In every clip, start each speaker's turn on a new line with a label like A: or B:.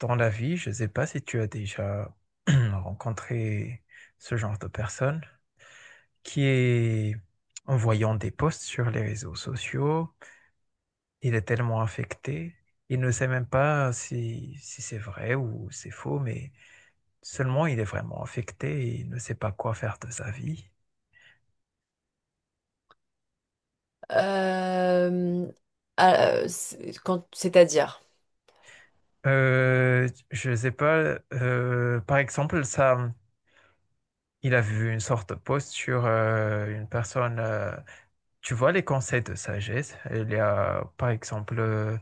A: Dans la vie, je ne sais pas si tu as déjà rencontré ce genre de personne qui est, en voyant des posts sur les réseaux sociaux, il est tellement affecté, il ne sait même pas si c'est vrai ou c'est faux, mais seulement il est vraiment affecté et il ne sait pas quoi faire de sa vie.
B: Euh, c'est- c'est-à-dire.
A: Je ne sais pas, par exemple, ça, il a vu une sorte de post sur une personne. Tu vois, les conseils de sagesse, il y a par exemple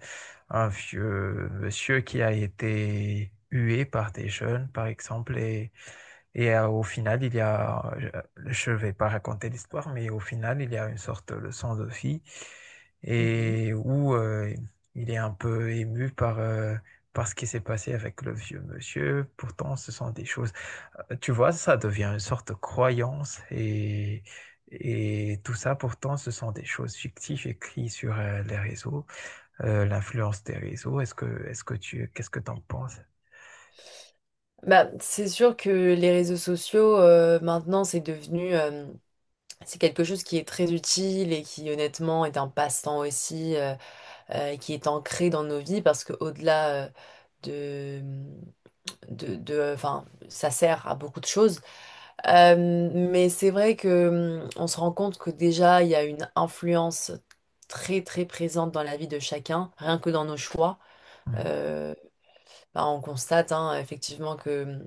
A: un vieux monsieur qui a été hué par des jeunes, par exemple, et au final, il y a, je ne vais pas raconter l'histoire, mais au final, il y a une sorte de leçon de vie
B: Mhm.
A: et où il est un peu ému par, par ce qui s'est passé avec le vieux monsieur. Pourtant, ce sont des choses, tu vois, ça devient une sorte de croyance et tout ça, pourtant, ce sont des choses fictives écrites sur les réseaux. L'influence des réseaux. Qu'est-ce que tu en penses?
B: Bah, c'est sûr que les réseaux sociaux, maintenant, c'est devenu, c'est quelque chose qui est très utile et qui, honnêtement, est un passe-temps aussi, qui est ancré dans nos vies parce qu'au-delà, de, enfin, ça sert à beaucoup de choses. Euh, mais c'est vrai que, on se rend compte que déjà, il y a une influence très, très présente dans la vie de chacun, rien que dans nos choix. Euh, Bah, on constate hein, effectivement que,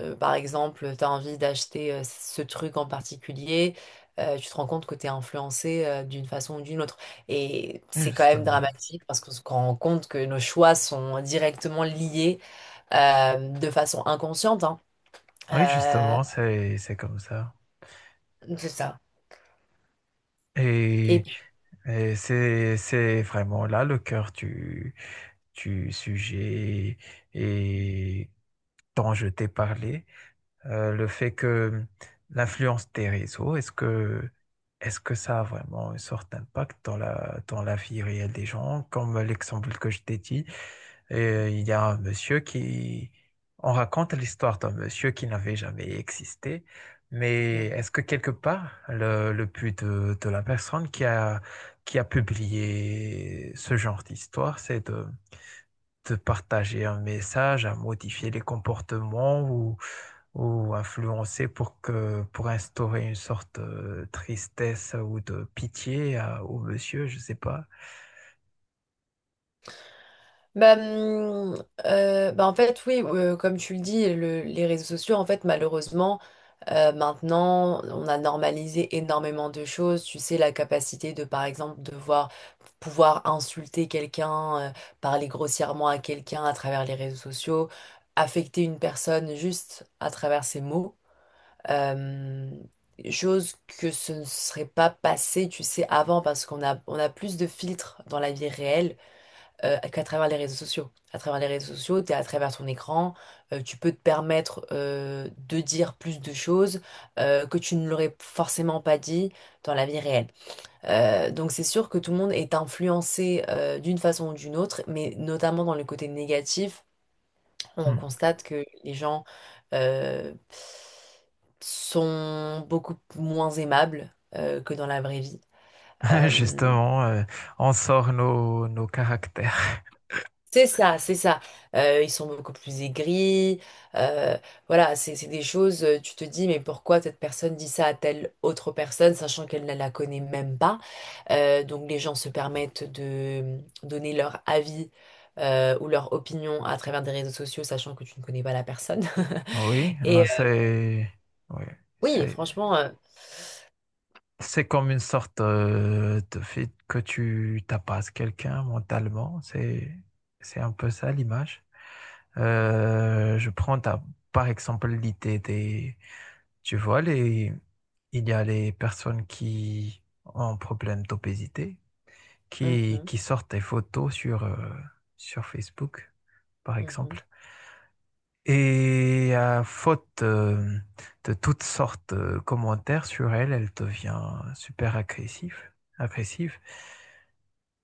B: par exemple, tu as envie d'acheter ce truc en particulier, tu te rends compte que tu es influencé d'une façon ou d'une autre. Et
A: Mhm.
B: c'est quand même
A: Justement.
B: dramatique parce qu'on se rend compte que nos choix sont directement liés de façon inconsciente, hein.
A: Oui,
B: Euh,
A: justement, c'est comme ça.
B: c'est ça. Et
A: Et,
B: puis.
A: et c'est vraiment là le cœur du sujet et dont je t'ai parlé. Le fait que l'influence des réseaux, est-ce que ça a vraiment une sorte d'impact dans dans la vie réelle des gens, comme l'exemple que je t'ai dit. Et il y a un monsieur qui... On raconte l'histoire d'un monsieur qui n'avait jamais existé, mais
B: Mhm.
A: est-ce que quelque part, le but de la personne qui a publié ce genre d'histoire, c'est de partager un message, à modifier les comportements ou influencer pour que pour instaurer une sorte de tristesse ou de pitié à- au monsieur, je ne sais pas.
B: Bah, en fait, oui, comme tu le dis, le- les réseaux sociaux, en fait, malheureusement, maintenant, on a normalisé énormément de choses. Tu sais, la capacité de, par exemple, de voir, pouvoir insulter quelqu'un, parler grossièrement à quelqu'un à travers les réseaux sociaux, affecter une personne juste à travers ses mots. Euh, Chose que ce ne serait pas passé, tu sais, avant, parce qu'on a, on a plus de filtres dans la vie réelle qu'à travers les réseaux sociaux. À travers les réseaux sociaux, tu es à travers ton écran, tu peux te permettre de dire plus de choses que tu ne l'aurais forcément pas dit dans la vie réelle. Donc c'est sûr que tout le monde est influencé d'une façon ou d'une autre, mais notamment dans le côté négatif, on
A: Hmm.
B: constate que les gens euh, sont beaucoup moins aimables que dans la vraie vie. Euh,
A: Justement, on sort nos caractères.
B: C'est ça, c'est ça. Ils sont beaucoup plus aigris. euh, voilà, c'est des choses, tu te dis, mais pourquoi cette personne dit ça à telle autre personne, sachant qu'elle ne la connaît même pas. Donc les gens se permettent de donner leur avis ou leur opinion à travers des réseaux sociaux, sachant que tu ne connais pas la personne.
A: Oui,
B: Et
A: hein, c'est oui,
B: oui,
A: c'est
B: franchement,
A: c'est comme une sorte de fait que tu tapasses quelqu'un mentalement, c'est un peu ça l'image. Euh, je prends ta- Par exemple l'idée des... Tu vois, les... il y a les personnes qui ont un problème d'obésité,
B: mhm,
A: qui sortent des photos sur, sur Facebook, par
B: mhm,
A: exemple. Et à faute de toutes sortes de commentaires sur elle, elle devient super agressive, agressive.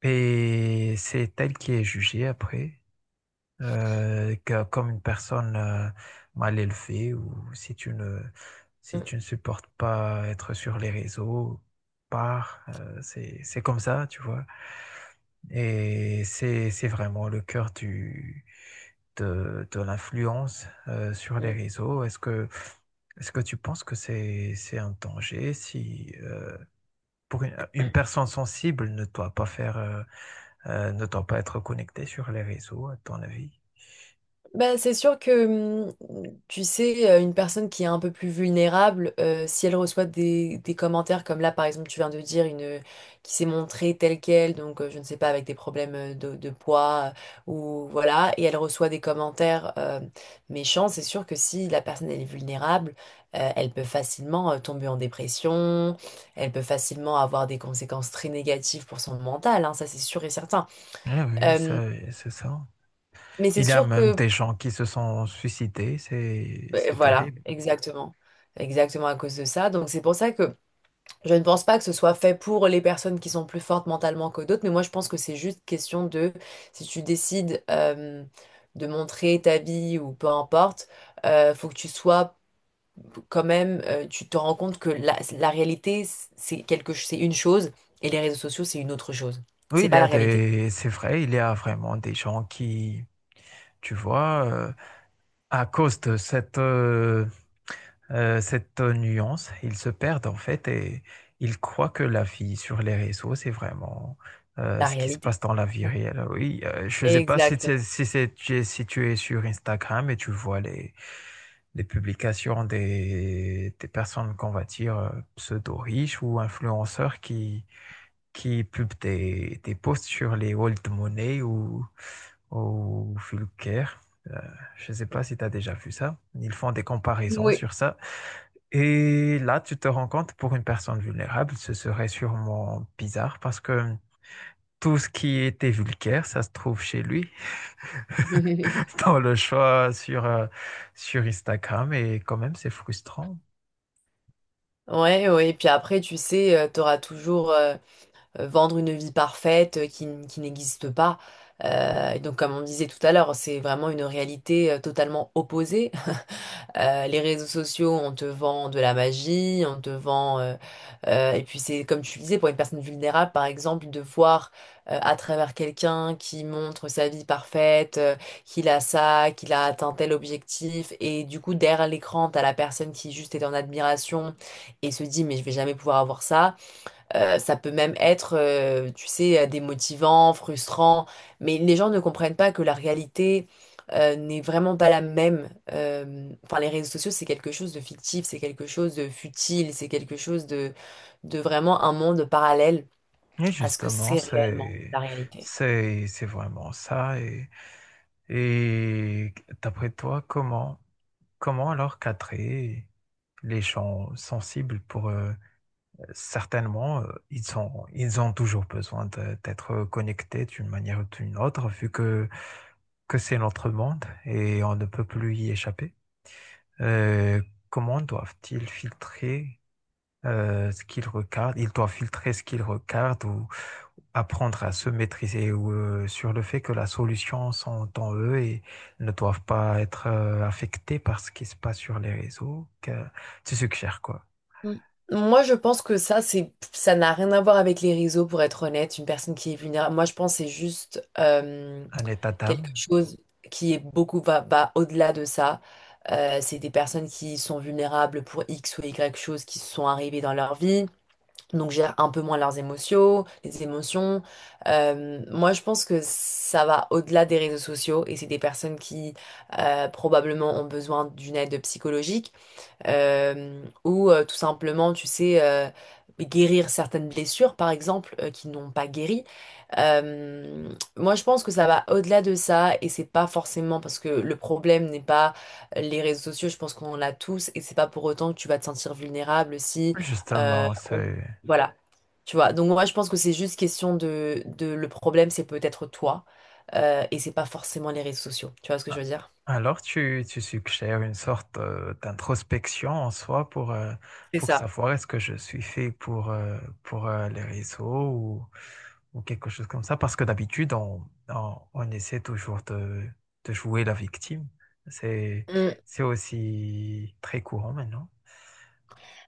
A: Et c'est elle qui est jugée après comme une personne mal élevée ou si
B: mhm,
A: tu ne supportes pas être sur les réseaux, pars. C'est comme ça, tu vois. Et c'est vraiment le cœur de l'influence sur les
B: mhm.
A: réseaux. Est-ce que tu penses que c'est un danger si, pour une personne sensible ne doit pas faire, ne doit pas être connectée sur les réseaux, à ton avis?
B: Bah, c'est sûr que, tu sais, une personne qui est un peu plus vulnérable, si elle reçoit des commentaires comme là, par exemple, tu viens de dire, une qui s'est montrée telle qu'elle, donc je ne sais pas, avec des problèmes de poids, ou voilà, et elle reçoit des commentaires méchants. C'est sûr que si la personne, elle est vulnérable, elle peut facilement tomber en dépression, elle peut facilement avoir des conséquences très négatives pour son mental, hein. Ça, c'est sûr et certain.
A: Ah oui,
B: Euh,
A: c'est ça.
B: mais c'est
A: Il y a
B: sûr
A: même
B: que.
A: des gens qui se sont suicidés, c'est
B: Et
A: c'est
B: voilà,
A: terrible.
B: exactement. Exactement à cause de ça. Donc c'est pour ça que je ne pense pas que ce soit fait pour les personnes qui sont plus fortes mentalement que d'autres, mais moi je pense que c'est juste question de, si tu décides de montrer ta vie ou peu importe, faut que tu sois quand même, tu te rends compte que la réalité, c'est une chose et les réseaux sociaux, c'est une autre chose.
A: Oui,
B: C'est
A: il y
B: pas la
A: a
B: réalité.
A: des, c'est vrai, il y a vraiment des gens qui, tu vois, à cause de cette cette nuance, ils se perdent en fait et ils croient que la vie sur les réseaux, c'est vraiment
B: La
A: ce qui se
B: réalité.
A: passe dans la vie réelle. Oui, je ne sais pas si tu es,
B: Exactement.
A: si tu es sur Instagram et tu vois les publications des personnes qu'on va dire pseudo-riches ou influenceurs qui publient des posts sur les old money ou Fulker. Euh, je ne sais pas si tu as déjà vu ça. Ils font des comparaisons
B: Oui.
A: sur ça. Et là, tu te rends compte, pour une personne vulnérable, ce serait sûrement bizarre parce que tout ce qui était vulgaire, ça se trouve chez lui, dans le choix sur, sur Instagram. Et quand même, c'est frustrant.
B: Ouais, ouais, et puis après, tu sais, tu auras toujours vendre une vie parfaite qui, n- qui n'existe pas. Et donc, comme on disait tout à l'heure, c'est vraiment une réalité totalement opposée. Les réseaux sociaux, on te vend de la magie, on te vend... et puis, c'est comme tu disais, pour une personne vulnérable, par exemple, de voir à travers quelqu'un qui montre sa vie parfaite, qu'il a ça, qu'il a atteint tel objectif. Et du coup, derrière l'écran, t'as la personne qui juste est en admiration et se dit, mais je vais jamais pouvoir avoir ça. Ça peut même être, tu sais, démotivant, frustrant, mais les gens ne comprennent pas que la réalité n'est vraiment pas la même. Enfin, les réseaux sociaux, c'est quelque chose de fictif, c'est quelque chose de futile, c'est quelque chose de vraiment un monde parallèle
A: Et
B: à ce que
A: justement,
B: c'est réellement la réalité.
A: c'est vraiment ça. Et d'après toi, comment, comment alors cadrer les gens sensibles pour eux? Certainement, ils sont, ils ont toujours besoin de- d'être connectés d'une manière ou d'une autre, que c'est notre monde et on ne peut plus y échapper. Euh, comment doivent-ils filtrer ce qu'il regarde. Il doit filtrer ce qu'il regarde ou apprendre à se maîtriser ou, sur le fait que la solution sont en eux et ne doivent pas être affectés par ce qui se passe sur les réseaux. Que tu suggères quoi?
B: Mm. Moi, je pense que ça, ça n'a rien à voir avec les réseaux, pour être honnête. Une personne qui est vulnérable, moi, je pense que c'est juste
A: Un état
B: quelque
A: d'âme?
B: chose qui est beaucoup va au-delà de ça. C'est des personnes qui sont vulnérables pour X ou Y choses qui sont arrivées dans leur vie, donc gèrent un peu moins les émotions. Moi, je pense que ça va au-delà des réseaux sociaux, et c'est des personnes qui probablement ont besoin d'une aide psychologique ou tout simplement, tu sais, guérir certaines blessures, par exemple, qui n'ont pas guéri. Euh, Moi, je pense que ça va au-delà de ça, et c'est pas forcément parce que le problème n'est pas les réseaux sociaux, je pense qu'on l'a tous, et c'est pas pour autant que tu vas te sentir vulnérable si euh,
A: Justement,
B: on-
A: c'est...
B: voilà, tu vois. Donc, moi, je pense que c'est juste question de le problème, c'est peut-être toi, et c'est pas forcément les réseaux sociaux. Tu vois ce que je
A: Ah.
B: veux dire?
A: Alors, tu suggères une sorte d'introspection en soi
B: C'est
A: pour
B: ça.
A: savoir est-ce que je suis fait pour, les réseaux ou quelque chose comme ça, parce que d'habitude, on essaie toujours de jouer la victime. C'est, c'est aussi très courant maintenant.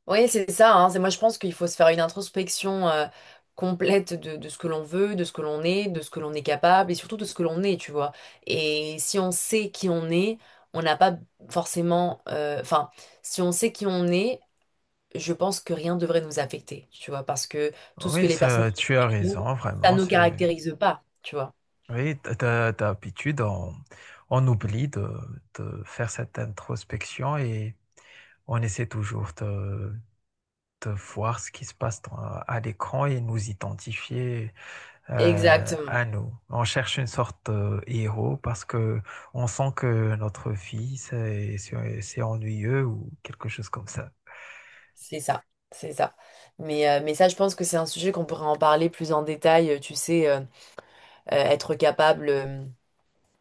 B: Oui, c'est ça, hein. C'est Moi, je pense qu'il faut se faire une introspection complète de ce que l'on veut, de ce que l'on est, de ce que l'on est capable et surtout de ce que l'on est, tu vois. Et si on sait qui on est, on n'a pas forcément. Enfin, si on sait qui on est, je pense que rien ne devrait nous affecter, tu vois, parce que tout ce que
A: Oui,
B: les personnes
A: ça,
B: font
A: tu as
B: sur nous,
A: raison,
B: ça
A: vraiment.
B: ne nous
A: C'est,
B: caractérise pas, tu vois.
A: oui, d'habitude, on oublie de faire cette introspection et on essaie toujours de voir ce qui se passe à l'écran et nous identifier
B: Exactement,
A: à nous. On cherche une sorte de héros parce que on sent que notre vie c'est ennuyeux ou quelque chose comme ça.
B: c'est ça, c'est ça. Mais ça, je pense que c'est un sujet qu'on pourrait en parler plus en détail, tu sais, être capable euh,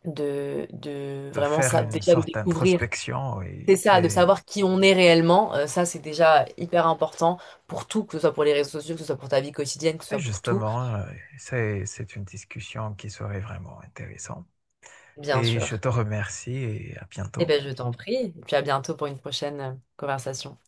B: de, de
A: De
B: vraiment
A: faire
B: ça,
A: une
B: déjà de
A: sorte
B: découvrir,
A: d'introspection, et
B: c'est ça, de
A: c'est
B: savoir qui on est réellement. Ça, c'est déjà hyper important pour tout, que ce soit pour les réseaux sociaux, que ce soit pour ta vie quotidienne, que ce
A: et
B: soit pour tout,
A: justement, c'est une discussion qui serait vraiment intéressante.
B: bien
A: Et je
B: sûr.
A: te remercie et à
B: Eh
A: bientôt.
B: bien, je t'en prie, et puis à bientôt pour une prochaine conversation.